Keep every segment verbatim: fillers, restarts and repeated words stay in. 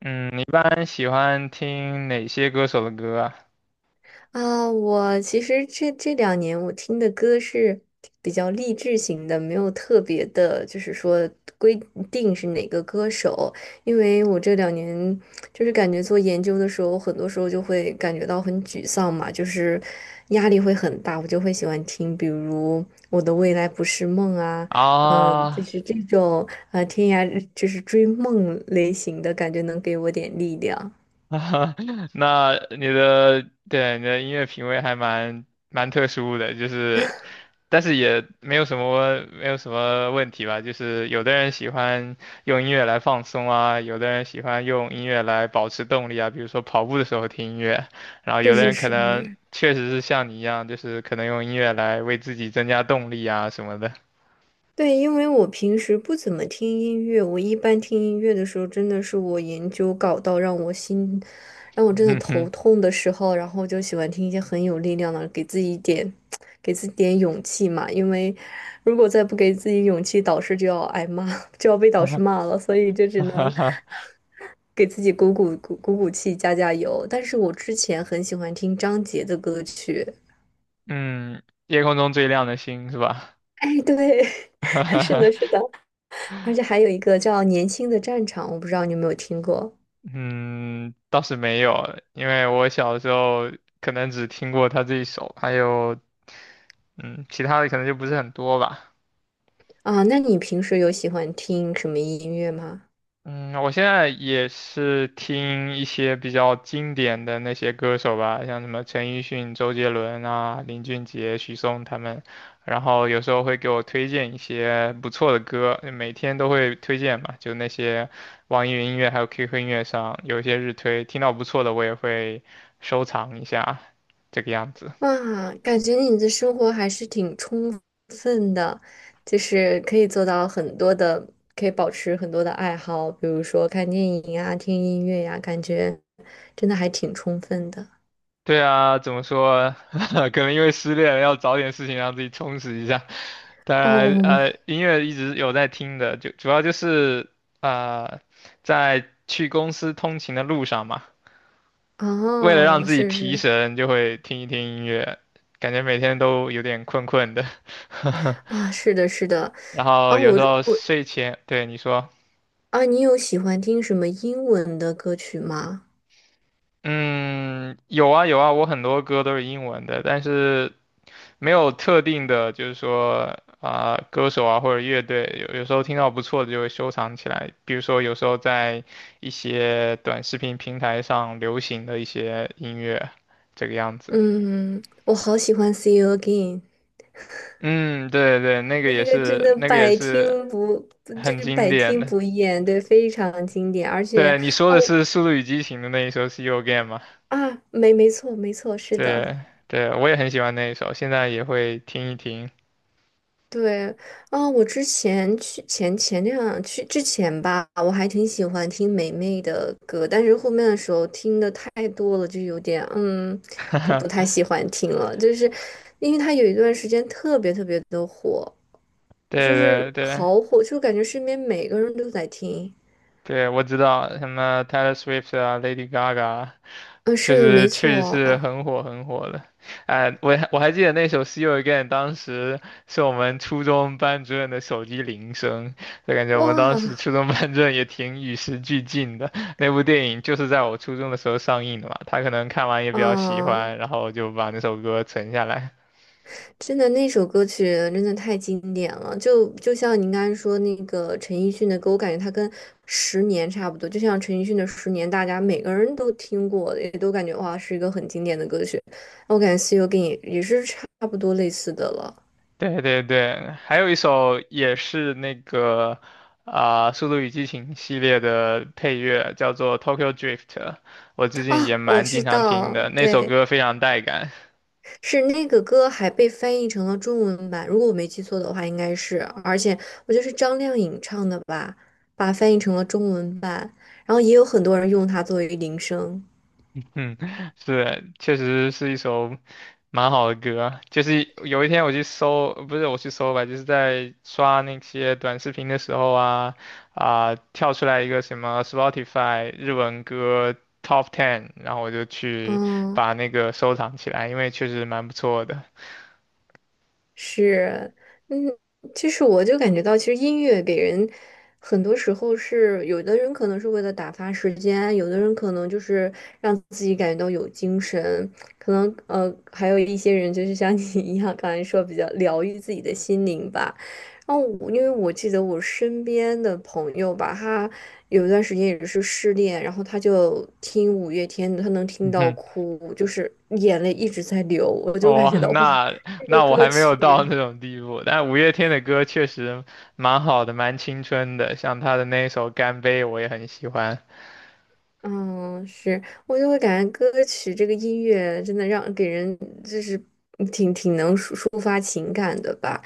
嗯，你一般喜欢听哪些歌手的歌啊，我其实这这两年我听的歌是比较励志型的，没有特别的，就是说规定是哪个歌手。因为我这两年就是感觉做研究的时候，很多时候就会感觉到很沮丧嘛，就是压力会很大，我就会喜欢听，比如《我的未来不是梦》啊。啊？嗯，就啊，是这种呃天涯就是追梦类型的感觉，能给我点力量。那你的，对，你的音乐品味还蛮蛮特殊的，就是，但是也没有什么没有什么问题吧，就是有的人喜欢用音乐来放松啊，有的人喜欢用音乐来保持动力啊，比如说跑步的时候听音乐，然后这有的是人可是。能确实是像你一样，就是可能用音乐来为自己增加动力啊什么的。对，因为我平时不怎么听音乐，我一般听音乐的时候，真的是我研究搞到让我心，让我 真的哼头哼，痛的时候，然后就喜欢听一些很有力量的，给自己一点，给自己点勇气嘛。因为如果再不给自己勇气，导师就要挨骂，就要被导师骂了，所以 就只哈能 哈 给自己鼓鼓鼓鼓鼓气，加加油。但是我之前很喜欢听张杰的歌曲。嗯，夜空中最亮的星是吧？哎，对，是的，是的。而且还有一个叫《年轻的战场》，我不知道你有没有听过。嗯，倒是没有，因为我小时候可能只听过他这一首，还有嗯，其他的可能就不是很多吧。啊？那你平时有喜欢听什么音乐吗？嗯，我现在也是听一些比较经典的那些歌手吧，像什么陈奕迅、周杰伦啊、林俊杰、许嵩他们，然后有时候会给我推荐一些不错的歌，每天都会推荐嘛，就那些网易云音乐还有 Q Q 音乐上有一些日推，听到不错的我也会收藏一下，这个样子。哇，感觉你的生活还是挺充分的，就是可以做到很多的，可以保持很多的爱好，比如说看电影呀、听音乐呀，感觉真的还挺充分的。对啊，怎么说？可能因为失恋了，要找点事情让自己充实一下。当然，哦，呃，音乐一直有在听的，就主要就是呃，在去公司通勤的路上嘛，为了让哦，自己是提是，神，就会听一听音乐，感觉每天都有点困困的。啊，是的，是的。然啊，后有我时候我睡前，对你说，啊，你有喜欢听什么英文的歌曲吗？嗯，有啊有啊，我很多歌都是英文的，但是没有特定的，就是说啊、歌手啊或者乐队，有有时候听到不错的就会收藏起来。比如说，有时候在一些短视频平台上流行的一些音乐，这个样子。嗯，我好喜欢《See You Again》,嗯，对对，那个也那个真是，的那个也百是听不，不就很是经百典听的。不厌，对，非常经典。而且，对，你说的哦，是《速度与激情》的那一首《See You Again》吗？啊，没没错没错，是的，对对，我也很喜欢那一首，现在也会听一听。对。啊，我之前去前前两去之前吧，我还挺喜欢听霉霉的歌，但是后面的时候听的太多了，就有点嗯，就不太 喜欢听了，就是因为她有一段时间特别特别的火。就对是对对好火，就感觉身边每个人都在听。对，我知道什么 Taylor Swift 啊，Lady Gaga。嗯，确是实没确实是错。很火很火的，哎、我还我还记得那首《See You Again》，当时是我们初中班主任的手机铃声，就感觉我们当时哇，初中班主任也挺与时俱进的。那部电影就是在我初中的时候上映的嘛，他可能看完也比较喜啊，欢，然后就把那首歌存下来。真的那首歌曲真的太经典了，就就像您刚才说那个陈奕迅的歌，我感觉他跟《十年》差不多，就像陈奕迅的《十年》，大家每个人都听过，也都感觉哇是一个很经典的歌曲。我感觉《See You Again》也是差不多类似的了。对对对，还有一首也是那个啊，速度与激情》系列的配乐，叫做《Tokyo Drift》，我最近也啊，我蛮知经常听道，的，那首对。歌非常带感。是那个歌还被翻译成了中文版，如果我没记错的话，应该是，而且我觉得是张靓颖唱的吧，把它翻译成了中文版，然后也有很多人用它作为铃声。嗯，是，确实是一首蛮好的歌啊就是有一天我去搜，不是我去搜吧，就是在刷那些短视频的时候啊，啊、跳出来一个什么 Spotify 日文歌 Top Ten，然后我就去嗯，把那个收藏起来，因为确实蛮不错的。是，嗯。其实我就感觉到，其实音乐给人很多时候是，有的人可能是为了打发时间，有的人可能就是让自己感觉到有精神，可能呃，还有一些人就是像 你一样，刚才说比较疗愈自己的心灵吧。然后我，因为我记得我身边的朋友吧，他有一段时间也是失恋，然后他就听五月天的，他能听嗯到哼，哭，就是眼泪一直在流，我就感觉哇，到哇，那这个那我歌还没有到那曲。种地步，但五月天的歌确实蛮好的，蛮青春的，像他的那一首《干杯》，我也很喜欢。嗯，是，我就会感觉歌曲这个音乐真的让给人就是挺挺能抒抒发情感的吧。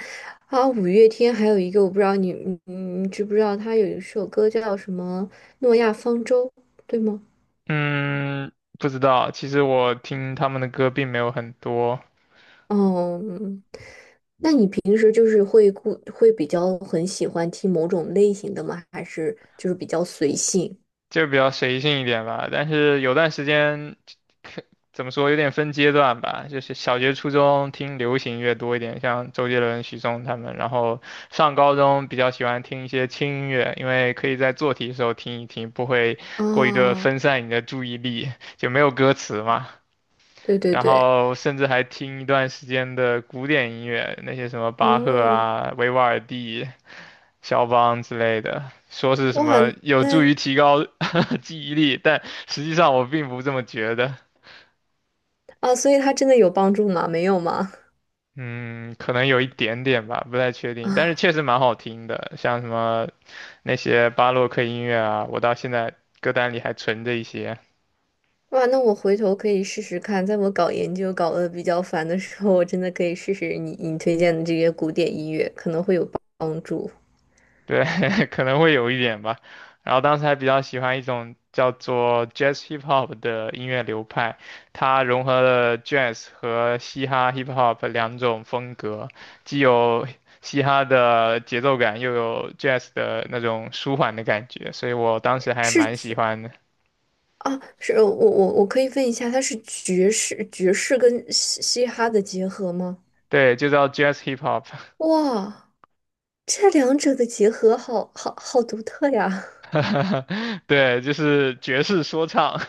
啊，五月天还有一个我不知道你嗯知不知道，他有一首歌叫什么《诺亚方舟》，对吗？嗯，不知道。其实我听他们的歌并没有很多，哦，嗯，平时就是会固会比较很喜欢听某种类型的吗？还是就是比较随性？就比较随性一点吧。但是有段时间，可怎么说，有点分阶段吧。就是小学、初中听流行乐多一点，像周杰伦、许嵩他们。然后上高中比较喜欢听一些轻音乐，因为可以在做题的时候听一听，不会过于的啊，分散你的注意力，就没有歌词嘛。对对然对，后甚至还听一段时间的古典音乐，那些什么巴赫嗯，啊、维瓦尔第。肖邦之类的，说是什哇，么有助于那，提高 记忆力，但实际上我并不这么觉得。啊，所以他真的有帮助吗？没有吗？嗯，可能有一点点吧，不太确 定，但是啊。确实蛮好听的，像什么那些巴洛克音乐啊，我到现在歌单里还存着一些。哇，那我回头可以试试看，在我搞研究搞得比较烦的时候，我真的可以试试你你推荐的这些古典音乐，可能会有帮助。对，可能会有一点吧。然后当时还比较喜欢一种叫做 Jazz Hip Hop 的音乐流派，它融合了 Jazz 和嘻哈 Hip Hop 两种风格，既有嘻哈的节奏感，又有 Jazz 的那种舒缓的感觉，所以我当时还是蛮喜欢的。啊，是我我我可以问一下，它是爵士爵士跟嘻嘻哈的结合吗？对，就叫 Jazz Hip Hop，哇，这两者的结合好好好独特呀！对，就是爵士说唱。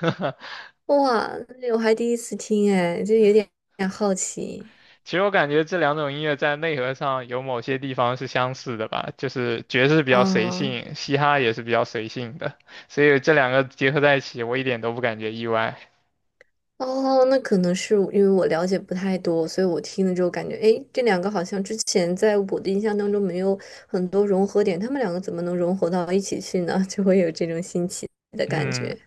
哇，我还第一次听哎，就有点有点好奇其实我感觉这两种音乐在内核上有某些地方是相似的吧，就是爵士比较随啊。性，嘻哈也是比较随性的，所以这两个结合在一起，我一点都不感觉意外。哦，那可能是因为我了解不太多，所以我听了之后感觉，哎，这两个好像之前在我的印象当中没有很多融合点，他们两个怎么能融合到一起去呢？就会有这种新奇的感觉。嗯，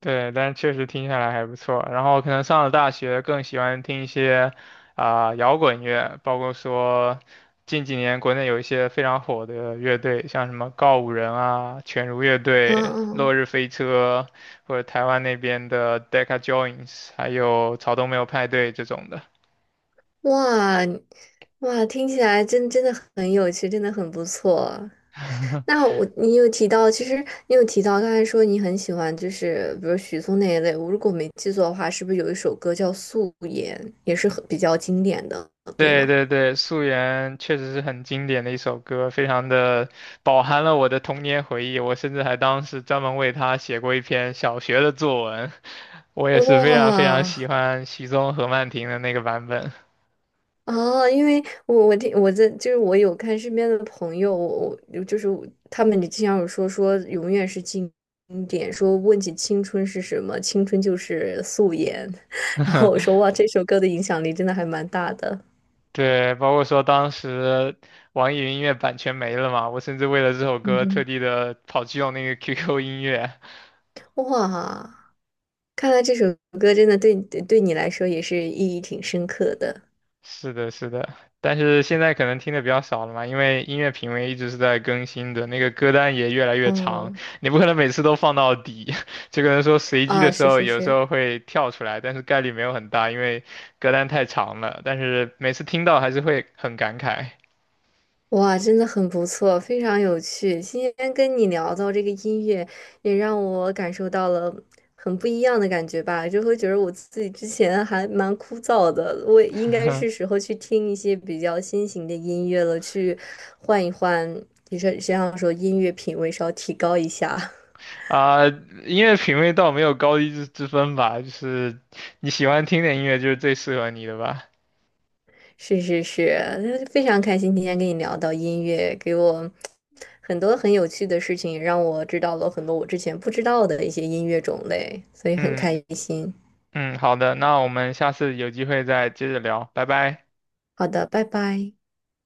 对，但是确实听下来还不错。然后可能上了大学，更喜欢听一些啊、摇滚乐，包括说近几年国内有一些非常火的乐队，像什么告五人啊、犬儒乐嗯队、嗯，落日飞车，或者台湾那边的 Deca Joins，还有草东没有派对这种的。哇哇，听起来真真的很有趣，真的很不错。那我你有提到，其实你有提到刚才说你很喜欢，就是比如许嵩那一类。我如果没记错的话，是不是有一首歌叫《素颜》，也是很比较经典的，对对吗？对对，《素媛》确实是很经典的一首歌，非常的饱含了我的童年回忆。我甚至还当时专门为它写过一篇小学的作文。我也是非常非常喜哇，欢许嵩何曼婷的那个版本。啊！因为我我听我在就是我有看身边的朋友，我我就是他们经常有说说永远是经典，说问起青春是什么，青春就是素颜。然后我说 哇，这首歌的影响力真的还蛮大的。对，包括说当时网易云音乐版权没了嘛，我甚至为了这首嗯歌特哼，地的跑去用那个 Q Q 音乐。哇，看来这首歌真的对对对你来说也是意义挺深刻的。是的，是的，但是现在可能听的比较少了嘛，因为音乐品味一直是在更新的，那个歌单也越来越长，嗯，你不可能每次都放到底，就可能说随机啊，的时是候是有时是，候会跳出来，但是概率没有很大，因为歌单太长了，但是每次听到还是会很感慨。哇，真的很不错，非常有趣。今天跟你聊到这个音乐，也让我感受到了很不一样的感觉吧，就会觉得我自己之前还蛮枯燥的，我也应该是 时候去听一些比较新型的音乐了，去换一换，也是这样说，音乐品味稍提高一下。啊、音乐品味倒没有高低之之分吧，就是你喜欢听的音乐就是最适合你的吧。是是是，那非常开心今天跟你聊到音乐，给我很多很有趣的事情，让我知道了很多我之前不知道的一些音乐种类，所以很嗯开心。嗯，好的，那我们下次有机会再接着聊，拜拜。好的，拜拜。